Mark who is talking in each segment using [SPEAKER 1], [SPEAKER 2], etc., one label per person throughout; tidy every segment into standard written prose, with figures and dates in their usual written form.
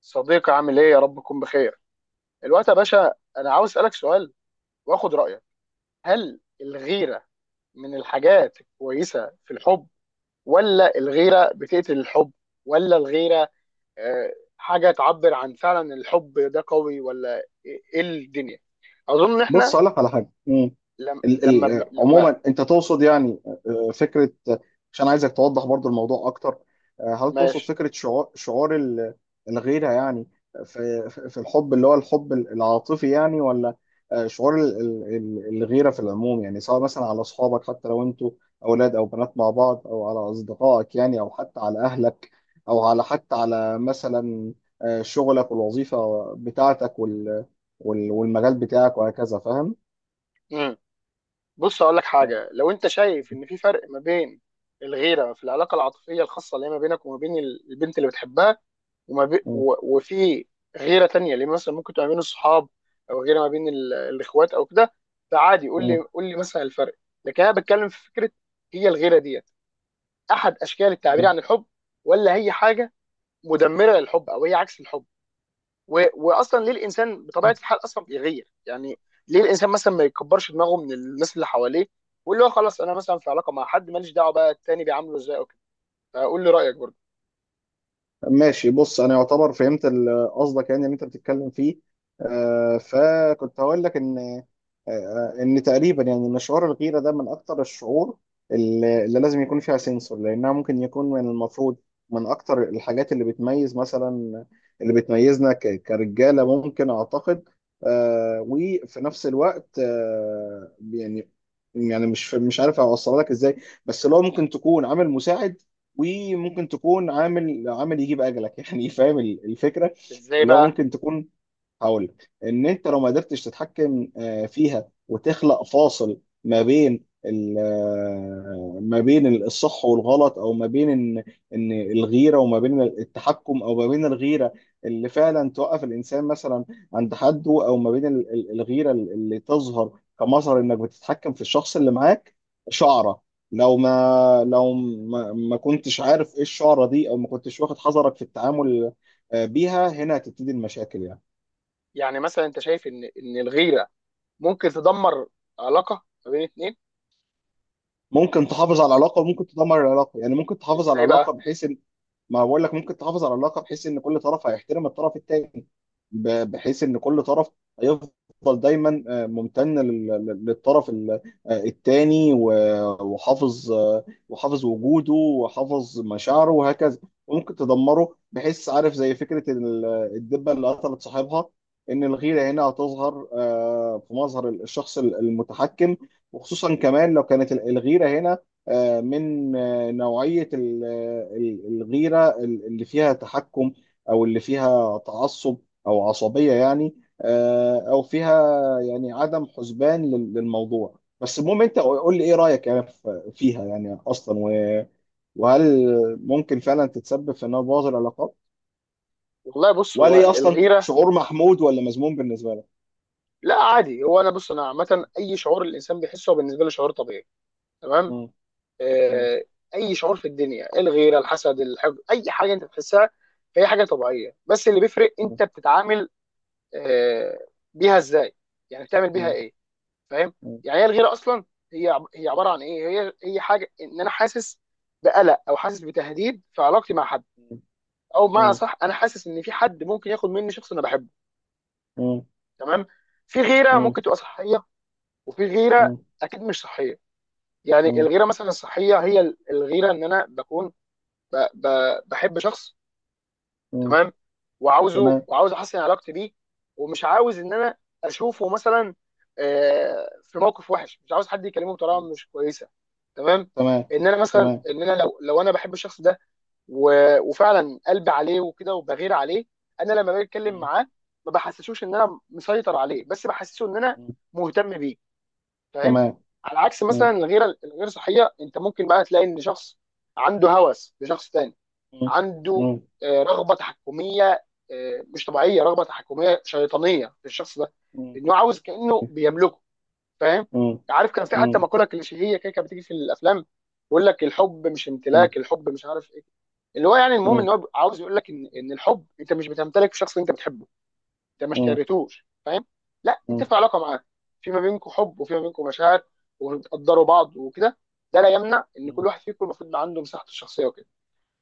[SPEAKER 1] صديقي، عامل ايه؟ يا رب تكون بخير الوقت يا باشا. انا عاوز اسالك سؤال، واخد رايك. هل الغيره من الحاجات الكويسه في الحب، ولا الغيره بتقتل الحب، ولا الغيره آه، حاجه تعبر عن فعلا إن الحب ده قوي، ولا ايه إيه الدنيا؟ اظن ان
[SPEAKER 2] بص،
[SPEAKER 1] احنا
[SPEAKER 2] اقول لك على حاجه. مم.
[SPEAKER 1] لم...
[SPEAKER 2] ال
[SPEAKER 1] لما
[SPEAKER 2] ال
[SPEAKER 1] بن... لما.
[SPEAKER 2] عموما انت تقصد يعني فكره، عشان عايزك توضح برضو الموضوع اكتر. هل تقصد
[SPEAKER 1] ماشي.
[SPEAKER 2] فكره شعور الغيره يعني في الحب، اللي هو الحب العاطفي يعني، ولا شعور الغيره في العموم؟ يعني سواء مثلا على اصحابك، حتى لو انتوا اولاد او بنات مع بعض، او على اصدقائك يعني، او حتى على اهلك، او على حتى على مثلا شغلك والوظيفه بتاعتك والمجال بتاعك وهكذا. فاهم؟
[SPEAKER 1] مم. بص اقول لك حاجه. لو انت شايف ان في فرق ما بين الغيره في العلاقه العاطفيه الخاصه اللي هي ما بينك وما بين البنت اللي بتحبها،
[SPEAKER 2] ف...
[SPEAKER 1] وفي غيره تانية اللي مثلا ممكن تبقى ما بين الصحاب، او غيره ما بين الاخوات او كده، فعادي
[SPEAKER 2] مم.
[SPEAKER 1] قول لي مثلا الفرق. لكن انا بتكلم في فكره: هي الغيره ديت احد اشكال التعبير
[SPEAKER 2] مم.
[SPEAKER 1] عن الحب، ولا هي حاجه مدمره للحب، او هي عكس الحب، واصلا ليه الانسان بطبيعه الحال اصلا بيغير يعني؟ ليه الانسان مثلا ما يكبرش دماغه من الناس اللي حواليه، واللي هو خلاص انا مثلا في علاقه مع حد، ماليش دعوه بقى التاني بيعامله ازاي او كده؟ فقول لي رايك برضه.
[SPEAKER 2] ماشي. بص، انا يعتبر فهمت قصدك يعني اللي انت بتتكلم فيه. فكنت هقول لك ان آه، آه، ان تقريبا يعني ان شعور الغيره ده من اكتر الشعور اللي لازم يكون فيها سنسور، لانها ممكن يكون من المفروض من اكتر الحاجات اللي بتميز مثلا، اللي بتميزنا كرجاله، ممكن اعتقد. وفي نفس الوقت يعني مش عارف اوصلها لك ازاي، بس لو ممكن تكون عامل مساعد، وممكن تكون عامل يجيب اجلك يعني فاهم الفكره؟
[SPEAKER 1] ازاي
[SPEAKER 2] اللي هو
[SPEAKER 1] بقى؟
[SPEAKER 2] ممكن تكون، هقول لك ان انت لو ما قدرتش تتحكم فيها، وتخلق فاصل ما بين الصح والغلط، او ما بين ان الغيره، وما بين التحكم، او ما بين الغيره اللي فعلا توقف الانسان مثلا عند حده، او ما بين الغيره اللي تظهر كمظهر انك بتتحكم في الشخص اللي معاك. شعره، لو ما كنتش عارف ايه الشعره دي، او ما كنتش واخد حذرك في التعامل بيها، هنا هتبتدي المشاكل يعني.
[SPEAKER 1] يعني مثلا انت شايف ان الغيره ممكن تدمر علاقه ما بين اتنين؟
[SPEAKER 2] ممكن تحافظ على العلاقه وممكن تدمر العلاقه، يعني ممكن تحافظ على
[SPEAKER 1] ازاي
[SPEAKER 2] العلاقه
[SPEAKER 1] بقى؟
[SPEAKER 2] بحيث ان، ما بقول لك، ممكن تحافظ على العلاقه بحيث ان كل طرف هيحترم الطرف الثاني، بحيث ان كل طرف هيفضل دايما ممتن للطرف الثاني، وحافظ وجوده، وحافظ مشاعره، وهكذا. وممكن تدمره، بحيث عارف زي فكره الدبه اللي قتلت صاحبها، ان الغيره
[SPEAKER 1] مم.
[SPEAKER 2] هنا هتظهر في مظهر الشخص المتحكم، وخصوصا كمان لو كانت الغيره هنا من نوعية الغيرة اللي فيها تحكم، أو اللي فيها تعصب، أو عصبية يعني، أو فيها يعني عدم حسبان للموضوع. بس المهم أنت
[SPEAKER 1] مم.
[SPEAKER 2] قول لي إيه رأيك يعني فيها يعني، أصلا، وهل ممكن فعلا تتسبب في إنها تبوظ العلاقات،
[SPEAKER 1] والله، بص،
[SPEAKER 2] وهل هي
[SPEAKER 1] هو
[SPEAKER 2] أصلا
[SPEAKER 1] الغيره،
[SPEAKER 2] شعور محمود ولا مذموم بالنسبة لك؟
[SPEAKER 1] لا عادي، هو انا، بص، انا عامه اي شعور الانسان بيحسه هو بالنسبه له شعور طبيعي. تمام؟
[SPEAKER 2] مم. مم.
[SPEAKER 1] آه. اي شعور في الدنيا، الغيره، الحسد، الحب، اي حاجه انت بتحسها هي حاجه طبيعيه، بس اللي بيفرق
[SPEAKER 2] مم.
[SPEAKER 1] انت بتتعامل آه بيها ازاي؟ يعني بتعمل بيها
[SPEAKER 2] مم.
[SPEAKER 1] ايه؟ فاهم؟
[SPEAKER 2] مم.
[SPEAKER 1] يعني هي الغيره اصلا، هي عباره عن ايه؟ هي حاجه ان انا حاسس بقلق، او حاسس بتهديد في علاقتي مع حد، او بمعنى
[SPEAKER 2] مم.
[SPEAKER 1] صح انا حاسس ان في حد ممكن ياخد مني شخص انا بحبه.
[SPEAKER 2] مم.
[SPEAKER 1] تمام. في غيره
[SPEAKER 2] مم.
[SPEAKER 1] ممكن تبقى صحيه، وفي غيره اكيد مش صحيه. يعني
[SPEAKER 2] مم.
[SPEAKER 1] الغيره مثلا الصحيه هي الغيره ان انا بكون ب... ب... بحب شخص.
[SPEAKER 2] مم.
[SPEAKER 1] تمام.
[SPEAKER 2] تمام،
[SPEAKER 1] وعاوز احسن علاقتي بيه، ومش عاوز ان انا اشوفه مثلا في موقف وحش، مش عاوز حد يكلمه بطريقه مش كويسه. تمام.
[SPEAKER 2] تمام،
[SPEAKER 1] ان انا مثلا،
[SPEAKER 2] تمام.
[SPEAKER 1] ان انا لو انا بحب الشخص ده، وفعلا قلبي عليه وكده وبغير عليه، انا لما باجي اتكلم
[SPEAKER 2] مم.
[SPEAKER 1] معاه ما بحسسوش ان انا مسيطر عليه، بس بحسسه ان انا
[SPEAKER 2] مم.
[SPEAKER 1] مهتم بيه. فاهم؟
[SPEAKER 2] تمام.
[SPEAKER 1] على عكس مثلا
[SPEAKER 2] مم.
[SPEAKER 1] الغيره الغير صحيه، انت ممكن بقى تلاقي ان شخص عنده هوس لشخص تاني،
[SPEAKER 2] مم.
[SPEAKER 1] عنده
[SPEAKER 2] مم.
[SPEAKER 1] رغبه تحكميه، مش طبيعيه، رغبه تحكميه شيطانيه في الشخص ده،
[SPEAKER 2] مم.
[SPEAKER 1] انه عاوز كانه بيملكه. فاهم؟
[SPEAKER 2] مم.
[SPEAKER 1] عارف، كان في حتى
[SPEAKER 2] مم.
[SPEAKER 1] مقوله كليشيهيه كده كانت بتيجي في الافلام، يقول لك الحب مش
[SPEAKER 2] مم.
[SPEAKER 1] امتلاك، الحب مش عارف ايه. اللي هو يعني المهم
[SPEAKER 2] مم.
[SPEAKER 1] ان هو عاوز يقول لك ان الحب انت مش بتمتلك شخص انت بتحبه، انت ما
[SPEAKER 2] مم.
[SPEAKER 1] اشتريتوش. فاهم؟ لا، انت
[SPEAKER 2] مم.
[SPEAKER 1] في علاقه معاه، في ما بينكم حب وفي ما بينكم مشاعر، وبتقدروا بعض وكده. ده لا يمنع ان كل
[SPEAKER 2] مم.
[SPEAKER 1] واحد فيكم المفروض يبقى عنده مساحته الشخصيه وكده.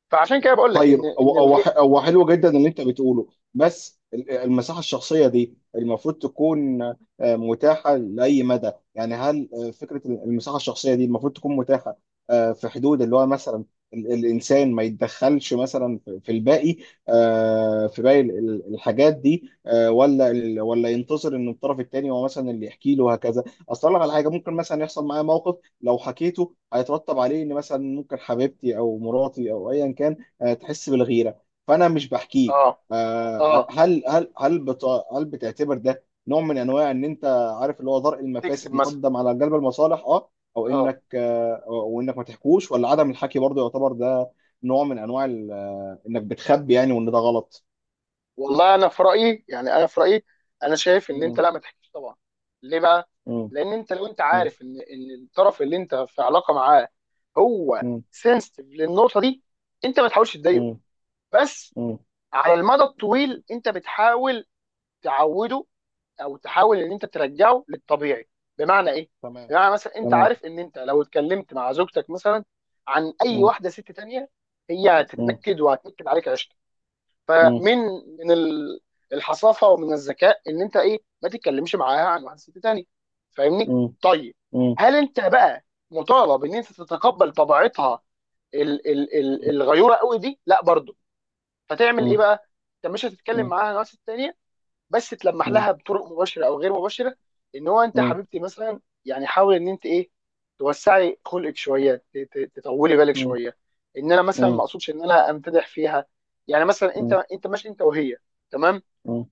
[SPEAKER 1] فعشان كده بقول لك
[SPEAKER 2] طيب،
[SPEAKER 1] ان
[SPEAKER 2] هو هو
[SPEAKER 1] الغي.
[SPEAKER 2] ح- هو حلو جدا اللي انت بتقوله، بس المساحه الشخصيه دي المفروض تكون متاحه لاي مدى يعني؟ هل فكره المساحه الشخصيه دي المفروض تكون متاحه في حدود اللي هو مثلا الانسان ما يتدخلش مثلا في الباقي في باقي الحاجات دي، ولا ينتظر ان الطرف التاني هو مثلا اللي يحكي له، وهكذا. اصل لك على حاجه، ممكن مثلا يحصل معايا موقف لو حكيته هيترتب عليه ان مثلا ممكن حبيبتي او مراتي او ايا كان تحس بالغيره، فانا مش بحكيه.
[SPEAKER 1] اه.
[SPEAKER 2] آه، آه،
[SPEAKER 1] اه،
[SPEAKER 2] هل هل هل بت- هل بتعتبر ده نوع من انواع ان انت عارف اللي هو ضرء
[SPEAKER 1] تكذب
[SPEAKER 2] المفاسد
[SPEAKER 1] مثلا.
[SPEAKER 2] مقدم على جلب المصالح؟ اه. او
[SPEAKER 1] اه.
[SPEAKER 2] انك او انك ما تحكوش، ولا عدم الحكي برضه يعتبر ده نوع من انواع انك بتخبي يعني، وان ده غلط؟
[SPEAKER 1] والله انا في رايي يعني، انا في رايي، انا شايف ان انت
[SPEAKER 2] مم.
[SPEAKER 1] لا، ما تحكيش طبعا. ليه بقى؟
[SPEAKER 2] مم.
[SPEAKER 1] لان انت لو انت
[SPEAKER 2] مم.
[SPEAKER 1] عارف ان الطرف اللي انت في علاقه معاه هو
[SPEAKER 2] مم.
[SPEAKER 1] سنسيتيف للنقطه دي، انت ما تحاولش تضايقه.
[SPEAKER 2] مم.
[SPEAKER 1] بس
[SPEAKER 2] مم.
[SPEAKER 1] على المدى الطويل انت بتحاول تعوده، او تحاول ان انت ترجعه للطبيعي. بمعنى ايه؟
[SPEAKER 2] تمام.
[SPEAKER 1] بمعنى مثلا انت
[SPEAKER 2] تمام.
[SPEAKER 1] عارف ان انت لو اتكلمت مع زوجتك مثلا عن اي
[SPEAKER 2] مم.
[SPEAKER 1] واحده ست تانية، هي
[SPEAKER 2] مم.
[SPEAKER 1] هتتنكد وهتنكد عليك 20.
[SPEAKER 2] مم.
[SPEAKER 1] فمن من ال- الحصافه ومن الذكاء ان انت ايه، ما تتكلمش معاها عن واحد ست تاني. فاهمني؟
[SPEAKER 2] مم.
[SPEAKER 1] طيب.
[SPEAKER 2] مم.
[SPEAKER 1] هل انت بقى مطالب ان انت تتقبل طبيعتها ال ال ال
[SPEAKER 2] مم.
[SPEAKER 1] الغيوره قوي دي؟ لا برضه. فتعمل ايه
[SPEAKER 2] مم.
[SPEAKER 1] بقى؟ انت مش هتتكلم
[SPEAKER 2] مم.
[SPEAKER 1] معاها عن واحد ست تانية، بس تلمح
[SPEAKER 2] مم.
[SPEAKER 1] لها بطرق مباشره او غير مباشره ان هو انت
[SPEAKER 2] مم.
[SPEAKER 1] حبيبتي مثلا يعني، حاول ان انت ايه، توسعي خلقك شويه، تطولي بالك
[SPEAKER 2] مم.
[SPEAKER 1] شويه. ان انا مثلا ما
[SPEAKER 2] مم.
[SPEAKER 1] اقصدش ان انا امتدح فيها. يعني مثلا، انت ماشي انت وهي، تمام،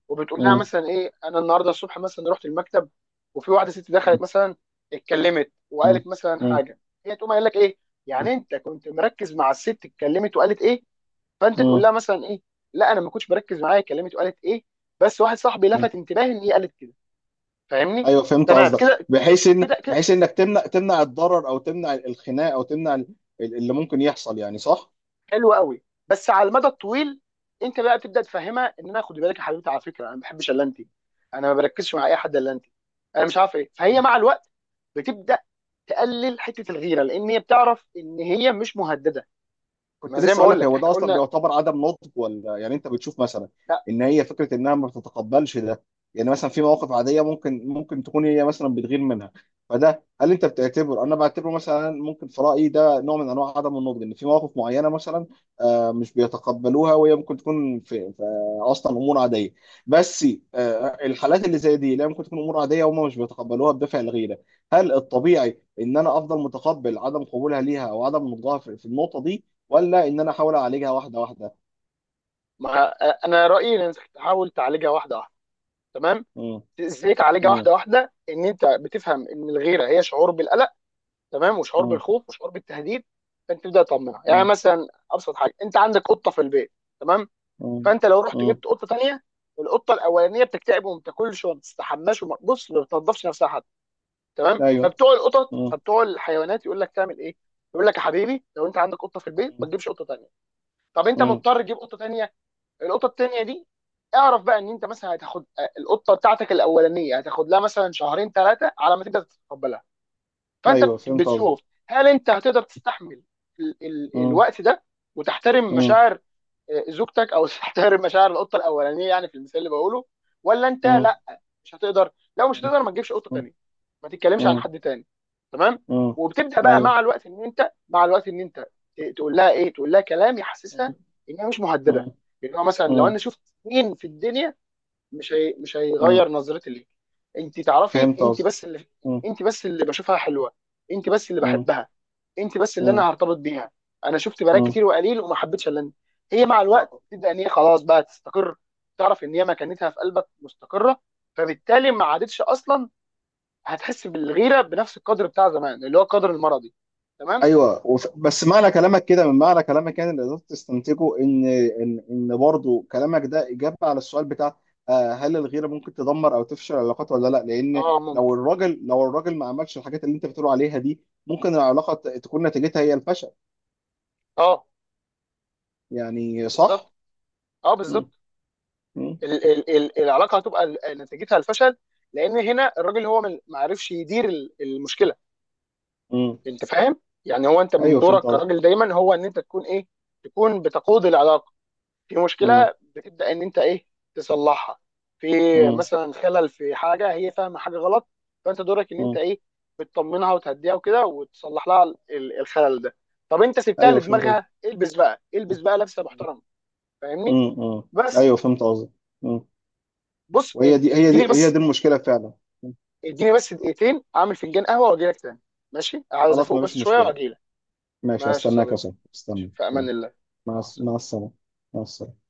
[SPEAKER 1] وبتقول لها
[SPEAKER 2] مم.
[SPEAKER 1] مثلا ايه: انا النهارده الصبح مثلا رحت المكتب، وفي واحده ست دخلت
[SPEAKER 2] مم.
[SPEAKER 1] مثلا، اتكلمت
[SPEAKER 2] مم.
[SPEAKER 1] وقالت مثلا
[SPEAKER 2] مم.
[SPEAKER 1] حاجه. هي تقوم قايل لك ايه؟
[SPEAKER 2] مم.
[SPEAKER 1] يعني انت كنت مركز مع الست، اتكلمت وقالت ايه؟ فانت تقول
[SPEAKER 2] مم.
[SPEAKER 1] لها مثلا ايه: لا انا ما كنتش بركز، معايا كلمت وقالت ايه، بس واحد صاحبي
[SPEAKER 2] مم.
[SPEAKER 1] لفت انتباهي ان هي قالت كده. فاهمني؟
[SPEAKER 2] ايوه، فهمت
[SPEAKER 1] تمام
[SPEAKER 2] قصدك.
[SPEAKER 1] كده. كده كده
[SPEAKER 2] بحيث انك تمنع الضرر، او تمنع الخناق، او تمنع اللي ممكن يحصل، يعني صح؟
[SPEAKER 1] حلو قوي. بس على المدى الطويل، انت بقى تبدا تفهمها ان انا خدي بالك يا حبيبتي، على فكره انا ما بحبش الا انت، انا ما بركزش مع اي حد الا انت، انا مش عارف ايه. فهي مع الوقت بتبدا تقلل حته الغيره، لان هي بتعرف ان هي مش مهدده.
[SPEAKER 2] كنت
[SPEAKER 1] ما زي ما
[SPEAKER 2] لسه اقول
[SPEAKER 1] بقول
[SPEAKER 2] لك،
[SPEAKER 1] لك
[SPEAKER 2] هو
[SPEAKER 1] احنا
[SPEAKER 2] ده اصلا
[SPEAKER 1] قلنا.
[SPEAKER 2] بيعتبر عدم نضج، ولا يعني انت بتشوف مثلا
[SPEAKER 1] لا،
[SPEAKER 2] ان هي فكره انها ما بتتقبلش ده؟ يعني مثلا في مواقف عاديه ممكن تكون هي مثلا بتغير منها، فده هل انت بتعتبر، انا بعتبره مثلا ممكن في رايي ده نوع من انواع عدم النضج، ان في مواقف معينه مثلا مش بيتقبلوها، وهي ممكن تكون في اصلا امور عاديه. بس الحالات اللي زي دي لا، ممكن تكون امور عاديه وهم مش بيتقبلوها بدافع الغيره. هل الطبيعي ان انا افضل متقبل عدم قبولها ليها، او عدم نضجها، في النقطه دي، ولا ان انا احاول اعالجها واحده واحده؟
[SPEAKER 1] ما انا رايي ان انت تحاول تعالجها واحده واحده. تمام.
[SPEAKER 2] مم.
[SPEAKER 1] ازاي تعالجها
[SPEAKER 2] مم.
[SPEAKER 1] واحده واحده؟ ان انت بتفهم ان الغيره هي شعور بالقلق، تمام، وشعور
[SPEAKER 2] مم.
[SPEAKER 1] بالخوف وشعور بالتهديد. فانت تبدا تطمنها. يعني
[SPEAKER 2] مم.
[SPEAKER 1] مثلا ابسط حاجه، انت عندك قطه في البيت، تمام،
[SPEAKER 2] مم.
[SPEAKER 1] فانت لو رحت
[SPEAKER 2] مم.
[SPEAKER 1] جبت قطه تانيه، القطه الاولانيه بتكتئب وما بتاكلش وما بتستحماش وما بص ما بتنضفش نفسها حتى. تمام.
[SPEAKER 2] ايوه.
[SPEAKER 1] فبتوع القطط،
[SPEAKER 2] مم.
[SPEAKER 1] فبتوع الحيوانات، يقول لك تعمل ايه؟ يقول لك يا حبيبي لو انت عندك قطه في البيت، ما
[SPEAKER 2] مم.
[SPEAKER 1] تجيبش قطه تانيه. طب انت
[SPEAKER 2] مم.
[SPEAKER 1] مضطر تجيب قطه تانيه، القطه التانيه دي اعرف بقى ان انت مثلا هتاخد القطه بتاعتك الاولانيه، هتاخد لها مثلا شهرين ثلاثه على ما تقدر تتقبلها. فانت
[SPEAKER 2] ايوه، فهمت قصدك.
[SPEAKER 1] بتشوف هل انت هتقدر تستحمل ال ال
[SPEAKER 2] مم.
[SPEAKER 1] الوقت ده، وتحترم
[SPEAKER 2] مم.
[SPEAKER 1] مشاعر زوجتك، او تحترم مشاعر القطه الاولانيه، يعني في المثال اللي بقوله؟ ولا انت
[SPEAKER 2] مم.
[SPEAKER 1] لا، مش هتقدر؟ لو مش
[SPEAKER 2] مم.
[SPEAKER 1] هتقدر، ما تجيبش قطه تانيه، ما تتكلمش عن
[SPEAKER 2] مم.
[SPEAKER 1] حد تاني. تمام.
[SPEAKER 2] مم.
[SPEAKER 1] وبتبدا بقى
[SPEAKER 2] ايوه.
[SPEAKER 1] مع الوقت ان انت، تقول لها ايه، تقول لها كلام
[SPEAKER 2] مم.
[SPEAKER 1] يحسسها انها مش مهدده.
[SPEAKER 2] مم.
[SPEAKER 1] يعني هو مثلا لو
[SPEAKER 2] مم.
[SPEAKER 1] انا شفت مين في الدنيا، مش
[SPEAKER 2] مم.
[SPEAKER 1] هيغير نظرتي ليك. انت تعرفي،
[SPEAKER 2] فهمت قصدك. مم.
[SPEAKER 1] انت بس اللي بشوفها حلوه، انت بس اللي
[SPEAKER 2] مم.
[SPEAKER 1] بحبها، انت بس اللي
[SPEAKER 2] مم.
[SPEAKER 1] انا هرتبط بيها. انا شفت بنات
[SPEAKER 2] مم.
[SPEAKER 1] كتير وقليل وما حبيتش الا انت. هي مع الوقت تبدا ان هي خلاص بقى تستقر، تعرف ان هي مكانتها في قلبك مستقره، فبالتالي ما عادتش اصلا هتحس بالغيره بنفس القدر بتاع زمان، اللي هو القدر المرضي. تمام.
[SPEAKER 2] ايوه. بس معنى كلامك كده، من معنى كلامك يعني اللي قدرت تستنتجه، ان برضه كلامك ده اجابه على السؤال بتاع هل الغيره ممكن تدمر او تفشل العلاقات ولا لا، لان
[SPEAKER 1] اه
[SPEAKER 2] لو
[SPEAKER 1] ممكن.
[SPEAKER 2] الراجل لو الراجل ما عملش الحاجات اللي انت بتقول عليها دي، ممكن العلاقه تكون نتيجتها هي الفشل،
[SPEAKER 1] اه
[SPEAKER 2] يعني
[SPEAKER 1] بالظبط.
[SPEAKER 2] صح؟
[SPEAKER 1] اه
[SPEAKER 2] مم.
[SPEAKER 1] بالظبط.
[SPEAKER 2] مم.
[SPEAKER 1] ال ال ال العلاقه هتبقى نتيجتها الفشل. لان هنا الراجل هو ما عرفش يدير المشكله.
[SPEAKER 2] مم.
[SPEAKER 1] انت فاهم؟ يعني هو انت من
[SPEAKER 2] ايوه،
[SPEAKER 1] دورك
[SPEAKER 2] فهمت قصدك.
[SPEAKER 1] كراجل دايما هو ان انت تكون ايه، تكون بتقود العلاقه. في
[SPEAKER 2] مم.
[SPEAKER 1] مشكله بتبدا ان انت ايه، تصلحها. في
[SPEAKER 2] مم.
[SPEAKER 1] مثلا خلل في حاجه، هي فاهمه حاجه غلط، فانت دورك ان انت
[SPEAKER 2] مم.
[SPEAKER 1] ايه، بتطمنها وتهديها وكده وتصلح لها الخلل ده. طب انت سبتها
[SPEAKER 2] ايوه، فهمت قصدك.
[SPEAKER 1] لدماغها، البس بقى لبسه محترمه. فاهمني؟
[SPEAKER 2] مم. مم.
[SPEAKER 1] بس.
[SPEAKER 2] ايوه، فهمت قصدك. مم.
[SPEAKER 1] بص،
[SPEAKER 2] وهي دي هي دي
[SPEAKER 1] اديني
[SPEAKER 2] هي دي
[SPEAKER 1] بس،
[SPEAKER 2] المشكله فعلا. مم.
[SPEAKER 1] دقيقتين اعمل فنجان قهوه واجي لك تاني. ماشي، عايز
[SPEAKER 2] خلاص،
[SPEAKER 1] افوق
[SPEAKER 2] ما
[SPEAKER 1] بس
[SPEAKER 2] فيش
[SPEAKER 1] شويه
[SPEAKER 2] مشكله.
[SPEAKER 1] واجي لك.
[SPEAKER 2] ماشي،
[SPEAKER 1] ماشي يا
[SPEAKER 2] استناك يا
[SPEAKER 1] صديقي.
[SPEAKER 2] صاحبي، استنى،
[SPEAKER 1] في امان
[SPEAKER 2] يلا.
[SPEAKER 1] الله. مع
[SPEAKER 2] مع السلامة. مع السلامة.